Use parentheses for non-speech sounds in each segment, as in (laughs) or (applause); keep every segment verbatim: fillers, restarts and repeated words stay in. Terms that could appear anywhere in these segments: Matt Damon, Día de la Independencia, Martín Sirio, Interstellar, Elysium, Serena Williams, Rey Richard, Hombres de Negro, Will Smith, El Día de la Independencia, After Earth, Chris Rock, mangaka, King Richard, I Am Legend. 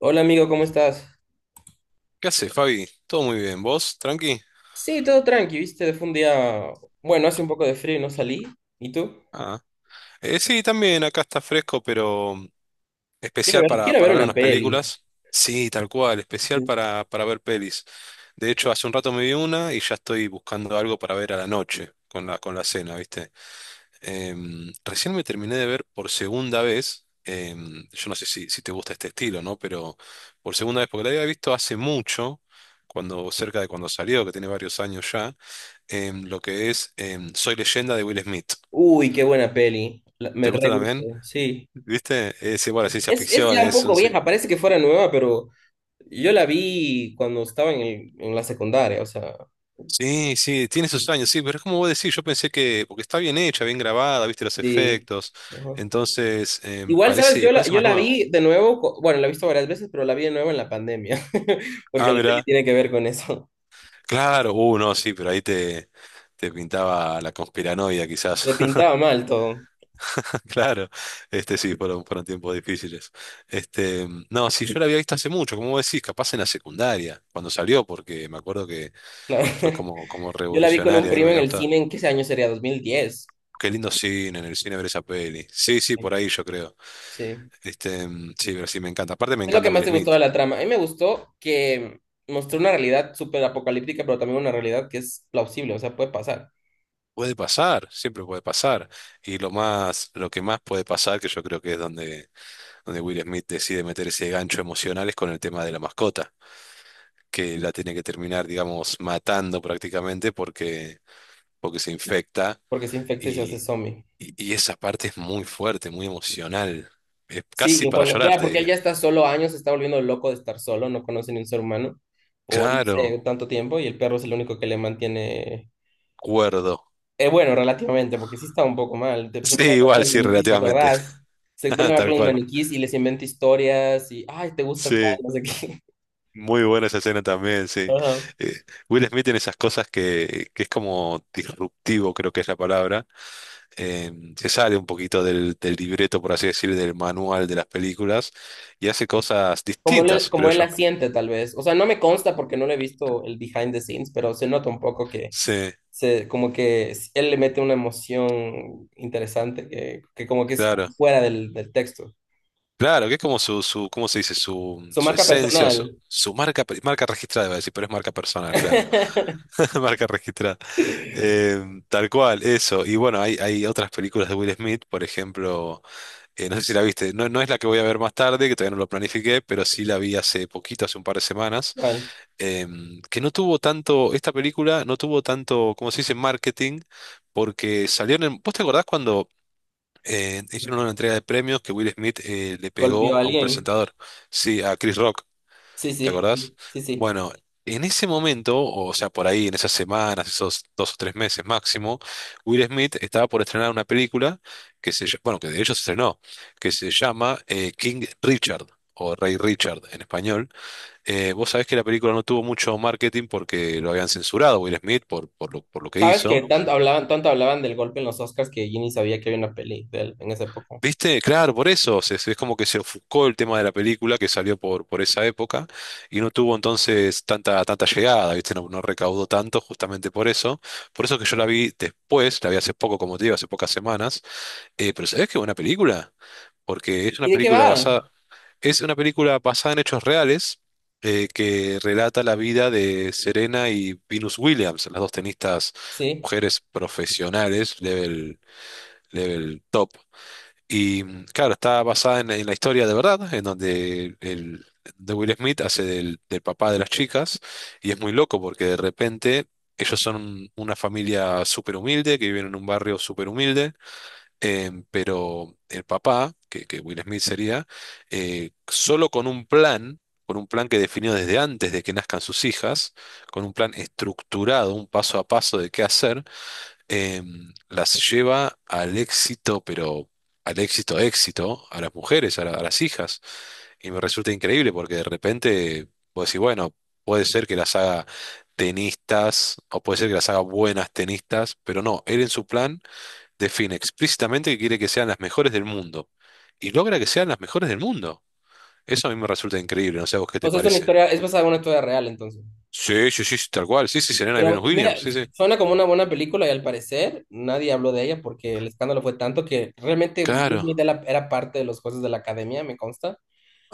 Hola amigo, ¿cómo estás? ¿Qué haces, Fabi? Todo muy bien. ¿Vos? ¿Tranqui? Sí, todo tranqui, viste, fue un día, bueno, hace un poco de frío y no salí. ¿Y tú? Ah. Eh, sí, también acá está fresco, pero Quiero especial ver, para, quiero ver para ver una unas peli. películas. Sí, tal cual, especial Sí. para, para ver pelis. De hecho, hace un rato me vi una y ya estoy buscando algo para ver a la noche con la, con la cena, ¿viste? Em, recién me terminé de ver por segunda vez. Em, yo no sé si, si te gusta este estilo, ¿no? Pero por segunda vez, porque la había visto hace mucho, cuando, cerca de cuando salió, que tiene varios años ya. em, lo que es em, Soy Leyenda de Will Smith. Uy, qué buena peli. La- me ¿Te gusta re gusta, también? sí. ¿Viste? Es igual, es ciencia Es, es ficción, ya un es poco un... ci- vieja, parece que fuera nueva, pero yo la vi cuando estaba en, el- en la secundaria, o sea, Sí, sí, tiene sus años, sí, pero es como vos decís, yo pensé que, porque está bien hecha, bien grabada, viste los sí. efectos, Ajá. entonces em, Igual, ¿sabes? parece, Yo la, parece yo más la nuevo. vi de nuevo, co- bueno, la he visto varias veces, pero la vi de nuevo en la pandemia, (laughs) porque Ah, la peli mira, tiene que ver con eso. claro, uh, no, sí, pero ahí te, te pintaba la conspiranoia quizás. Se pintaba mal todo, (laughs) Claro, este sí, fueron, fueron tiempos difíciles. Este, no, sí, yo la había visto hace mucho, como vos decís, capaz en la secundaria, cuando salió, porque me acuerdo que claro. fue como, como Yo la vi con un revolucionaria, a mí me primo en había el gustado. cine, ¿en qué año sería? Dos mil diez. Qué lindo cine, en el cine ver esa peli. Sí, sí, por ahí yo creo. Sí. Este, mm, sí, pero sí me encanta. Aparte me Es lo encanta que más Will te gustó Smith. de la trama. A mí me gustó que mostró una realidad súper apocalíptica, pero también una realidad que es plausible, o sea, puede pasar, Puede pasar, siempre puede pasar. Y lo más, lo que más puede pasar, que yo creo que es donde, donde Will Smith decide meter ese gancho emocional, es con el tema de la mascota, que la tiene que terminar, digamos, matando prácticamente porque, porque se infecta. porque se infecta y se Y, hace zombie. y, y esa parte es muy fuerte, muy emocional. Es Sí, casi y para cuando, llorar, claro, te porque él diría. ya está solo años, se está volviendo loco de estar solo, no conoce ni un ser humano por, no sé, Claro. tanto tiempo, y el perro es el único que le mantiene. Cuerdo. Eh, bueno, relativamente, porque sí estaba un poco mal. Te- se Sí, pone a hablar igual, con sí, los maniquís, ¿te relativamente. acordás? Se pone (laughs) a hablar Tal con los cual. maniquís y les inventa historias y, ay, te gusta tal, Sí, no sé qué. muy buena esa escena también, (laughs) sí. Ajá. Eh, Will Smith tiene esas cosas que, que es como disruptivo, creo que es la palabra. Eh, Se sale un poquito del, del libreto, por así decir, del manual de las películas y hace cosas Como, él distintas, como creo él la yo. siente, tal vez. O sea, no me consta porque no le he visto el behind the scenes, pero se nota un poco que Sí, se, como que s- él le mete una emoción interesante que, que como que es como claro. fuera del, del texto. Claro, que es como su, su ¿cómo se dice? Su, Su su marca esencia, su, personal. su marca, marca registrada, iba a decir, pero es marca personal, claro. (laughs) (laughs) Marca registrada. Em, tal cual, eso. Y bueno, hay, hay otras películas de Will Smith, por ejemplo, eh, no sé si la viste, no, no es la que voy a ver más tarde, que todavía no lo planifiqué, pero sí la vi hace poquito, hace un par de semanas, ¿Cuál? em, que no tuvo tanto, esta película no tuvo tanto, como se dice, marketing, porque salió en ¿Vos te acordás cuando eh, hicieron una entrega de premios que Will Smith eh, le ¿Golpeó pegó a a un alguien? presentador? Sí, a Chris Rock. Sí, ¿Te sí, sí, acordás? sí, sí. Bueno, en ese momento, o sea, por ahí en esas semanas, esos dos o tres meses máximo, Will Smith estaba por estrenar una película que se, ll- bueno, que de hecho se estrenó, que se llama eh, King Richard, o Rey Richard en español. Eh, vos sabés que la película no tuvo mucho marketing porque lo habían censurado a Will Smith por, por lo, por lo que Sabes que hizo. no, tanto hablaban, tanto hablaban del golpe en los Oscars, que yo ni sabía que había una peli de él en esa época. ¿Viste? Claro, por eso. Se- se- es como que se ofuscó el tema de la película que salió por, por esa época y no tuvo entonces tanta, tanta llegada, ¿viste? No, no recaudó tanto justamente por eso. Por eso que yo la vi después, la vi hace poco, como te digo, hace pocas semanas. Eh, pero ¿sabés qué buena película? Porque es una ¿Y de qué película va? basada, Es una película basada en hechos reales eh, que relata la vida de Serena y Venus Williams, las dos tenistas Sí. mujeres profesionales, level, level top. Y mm, claro, está basada en, en la historia de verdad, en donde el de Will Smith hace del, del papá de las chicas, y es muy loco porque de repente ellos son una familia súper humilde, que viven en un barrio súper humilde, em, pero el papá, que, que Will Smith sería, eh, solo con un plan, con un plan que definió desde antes de que nazcan sus hijas, con un plan estructurado, un paso a paso de qué hacer, em, las lleva al éxito, pero al éxito, éxito, a las mujeres, a, la- a las hijas. Y me resulta increíble porque de repente, pues decís, bueno, puede ser que las haga tenistas o puede ser que las haga buenas tenistas, pero no, él en su plan define explícitamente que quiere que sean las mejores del mundo. Y logra que sean las mejores del mundo. Eso a mí me resulta increíble, no sé a vos qué O te sea, es una parece. historia, es basada en una historia real, entonces. Sí, sí, sí, sí, tal cual. Sí, sí, Serena y Pero Venus mira, Williams. Sí, sí. suena como una buena película y al parecer nadie habló de ella porque el escándalo fue tanto que realmente Will Claro. Smith era era parte de los jueces de la academia, me consta,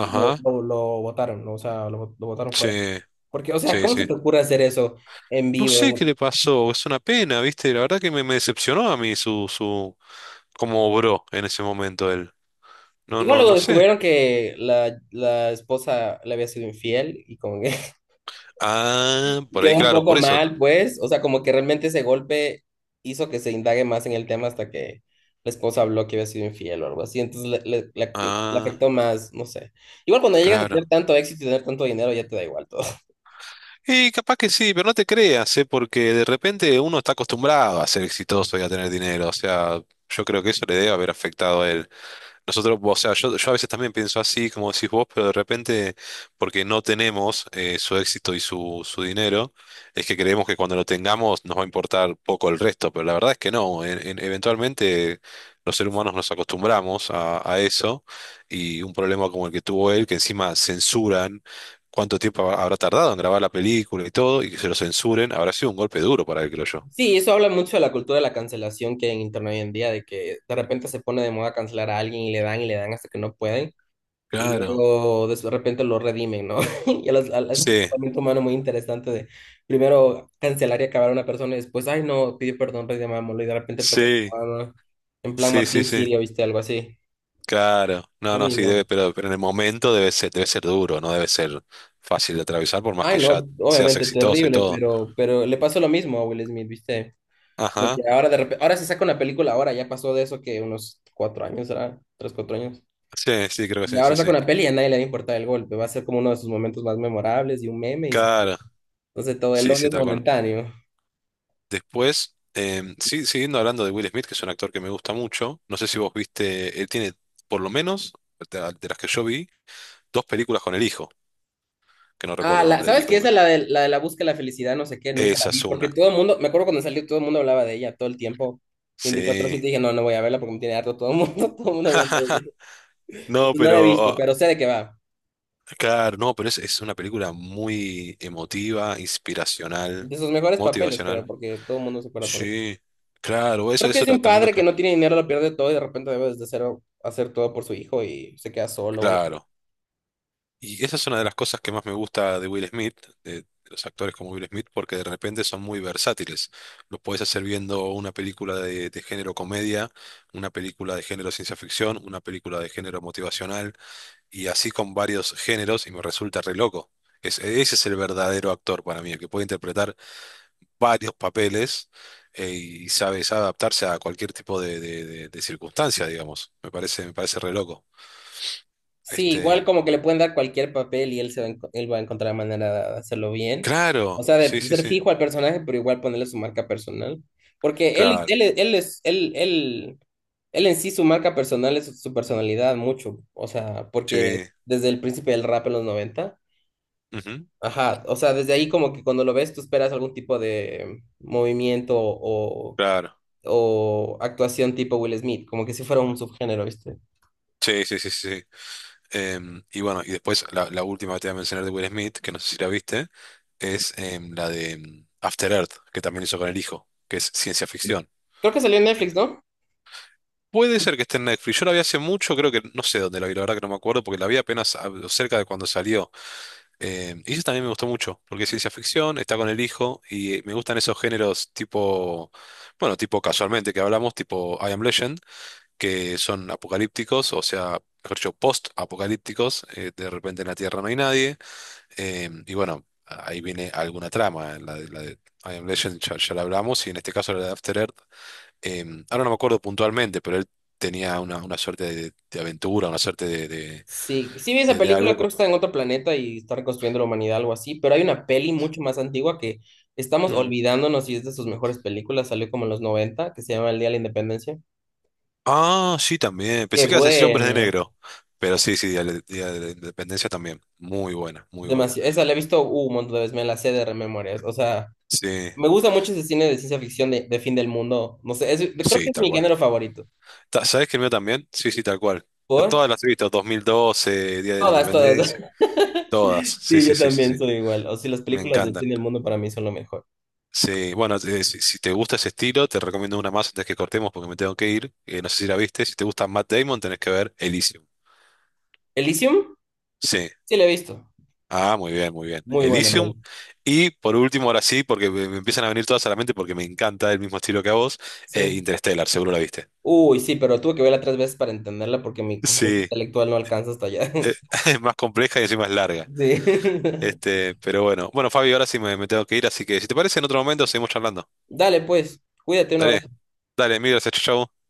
y lo, Ajá. lo, lo votaron, ¿no? O sea, lo, lo votaron fuera. Sí, Porque, o sea, sí, ¿cómo se sí. te ocurre hacer eso en No vivo? sé qué en- le pasó, es una pena, ¿viste? La verdad que me, me decepcionó a mí su, su, cómo obró en ese momento él. No, Igual no, luego no sé. descubrieron que la, la esposa le había sido infiel y con… (laughs) Ah, por Quedó ahí, un claro, poco por eso. mal, pues, o sea, como que realmente ese golpe hizo que se indague más en el tema hasta que la esposa habló que había sido infiel o algo así, entonces le, le- le- le Ah, afectó más, no sé. Igual cuando llegas a tener claro. tanto éxito y tener tanto dinero, ya te da igual todo. (laughs) Y capaz que sí, pero no te creas, ¿eh? Porque de repente uno está acostumbrado a ser exitoso y a tener dinero. O sea, yo creo que eso le debe haber afectado a él. Nosotros, o sea, yo, yo a veces también pienso así, como decís vos, pero de repente, porque no tenemos eh, su éxito y su, su dinero, es que creemos que cuando lo tengamos nos va a importar poco el resto, pero la verdad es que no. En- en- eventualmente los seres humanos nos acostumbramos a, a eso y un problema como el que tuvo él, que encima censuran cuánto tiempo ha- habrá tardado en grabar la película y todo, y que se lo censuren, habrá sido un golpe duro para él, creo yo. Sí, eso habla mucho de la cultura de la cancelación que hay en internet hoy en día, de que de repente se pone de moda cancelar a alguien y le dan y le dan hasta que no pueden. Y Claro. luego de repente lo redimen, ¿no? (laughs) Y a las- a- es un Sí, comportamiento humano muy interesante, de primero cancelar y acabar a una persona y después, ay no, pidió perdón, redimámoslo y de repente tomó sí, la mano. En plan sí, sí, Martín sí. Sirio, ¿viste? Algo así. Claro, no, Lo no, sí, mismo. debe, pero, pero en el momento debe ser, debe ser duro, no debe ser fácil de atravesar, por más Ay que no, ya seas obviamente exitoso y terrible, todo. pero, pero, le pasó lo mismo a Will Smith, ¿viste? Como que Ajá, ahora de repente, ahora se saca una película, ahora ya pasó de eso, que unos cuatro años, ¿será? Tres, cuatro años. sí, sí, creo que Y sí, ahora sí, saca sí. una peli y a nadie le va a importar el golpe. Va a ser como uno de sus momentos más memorables y un meme, y se acabó. Claro, Entonces todo el sí, odio sí, es tal cual. momentáneo. Después, em, sí, siguiendo hablando de Will Smith, que es un actor que me gusta mucho, no sé si vos viste, él tiene, por lo menos, de, de las que yo vi, dos películas con el hijo, que no Ah, recuerdo el la, nombre del ¿sabes qué? hijo. Esa, la de, la de la búsqueda de la felicidad, no sé qué, nunca la Esa vi, es porque una, todo el mundo, me acuerdo cuando salió, todo el mundo hablaba de ella todo el tiempo, veinticuatro sí. siete dije, no, no voy a verla porque me tiene harto todo el mundo, (laughs) todo el mundo hablando de (laughs) ella. No, Entonces, no la he visto, pero. pero sé de qué va. Claro, no, pero es, es una película muy emotiva, inspiracional, De sus mejores papeles, creo, motivacional. porque todo el mundo se acuerda por él. Sí, claro, eso, Creo que eso es de era un también lo padre que que... no tiene dinero, lo pierde todo y de repente debe desde cero hacer todo por su hijo y se queda solo o algo. Claro. Y esa es una de las cosas que más me gusta de Will Smith, de los actores como Will Smith, porque de repente son muy versátiles. Lo puedes hacer viendo una película de, de género comedia, una película de género ciencia ficción, una película de género motivacional, y así con varios géneros, y me resulta re loco. Es- ese es el verdadero actor para mí, el que puede interpretar varios papeles eh, y sabe, sabe adaptarse a cualquier tipo de, de- de- de circunstancia, digamos. Me parece, me parece re loco. Sí, igual Este, como que le pueden dar cualquier papel y él, se va, a enco- él va a encontrar la manera de hacerlo bien. O claro, sea, sí, de sí, ser sí, fijo al personaje, pero igual ponerle su marca personal. Porque él, es- claro, él, es- él es, él, él, él en sí, su marca personal es su, su personalidad mucho. O sea, sí, porque desde el principio del rap en los noventa. ujú, Ajá, o sea, desde ahí como que cuando lo ves tú esperas algún tipo de movimiento o, claro, o actuación tipo Will Smith, como que si fuera un subgénero, ¿viste? sí, sí, sí, sí. Sí. Em, y bueno, y después la, la última que te voy a mencionar de Will Smith, que no sé si la viste, es em, la de em, After Earth, que también hizo con el hijo, que es ciencia ficción. Creo que salió en Netflix, ¿no? Puede ser que esté en Netflix. Yo la vi hace mucho, creo que no sé dónde la vi, la verdad que no me acuerdo, porque la vi apenas ah, cerca de cuando salió. Eh, y eso también me gustó mucho, porque es ciencia ficción, está con el hijo, y eh, me gustan esos géneros tipo, bueno, tipo casualmente que hablamos, tipo I Am Legend, que son apocalípticos, o sea, mejor dicho, post-apocalípticos, eh, de repente en la Tierra no hay nadie, eh, y bueno, ahí viene alguna trama, la de, la de I Am Legend ya, ya la hablamos, y en este caso la de After Earth, eh, ahora no me acuerdo puntualmente, pero él tenía una, una suerte de, de aventura, una suerte de, de, Sí, sí vi esa de- de película, creo que algo. está en otro planeta y está reconstruyendo la humanidad, algo así, pero hay una peli mucho más antigua que estamos olvidándonos y es de sus mejores películas, salió como en los noventa, que se llama El Día de la Independencia. Ah, sí, también. Qué Pensé que ibas a decir Hombres de bueno, Negro. Pero sí, sí, Día de, Día de la Independencia también. Muy buena, muy buena. demasiado, esa la he visto uh, un montón de veces, me la sé de rememorias, o sea, Sí, me gusta mucho ese cine de ciencia ficción de, de fin del mundo, no sé, es- creo que sí, es tal mi cual. género favorito. Ta- ¿Sabés que el mío también? Sí, sí, tal cual. Yo ¿Por? todas las he visto, dos mil doce, Día de la Todas, todas, Independencia. Todas. (laughs) Sí, sí, sí, yo sí, sí, también sí. soy igual, o sea, las Me películas de encantan. fin del mundo para mí son lo mejor. Sí, bueno, eh, si, si te gusta ese estilo, te recomiendo una más antes que cortemos porque me tengo que ir. Eh, no sé si la viste. Si te gusta Matt Damon, tenés que ver Elysium. Elysium, Sí. sí la he visto, Ah, muy bien, muy bien. muy buena Elysium. peli, Y por último, ahora sí, porque me, me empiezan a venir todas a la mente porque me encanta el mismo estilo que a vos, sí. eh, Interstellar, seguro la viste. Uy, sí, pero tuve que verla tres veces para entenderla porque mi coeficiente Sí, intelectual no alcanza hasta allá. eh, (laughs) (laughs) es más compleja y encima es larga. Sí. (laughs) Este, pero bueno. Bueno, Fabio, ahora sí me, me tengo que ir, así que si te parece, en otro momento seguimos charlando. Dale, pues, cuídate, un Dale, abrazo. dale, mil gracias, chau. Chau.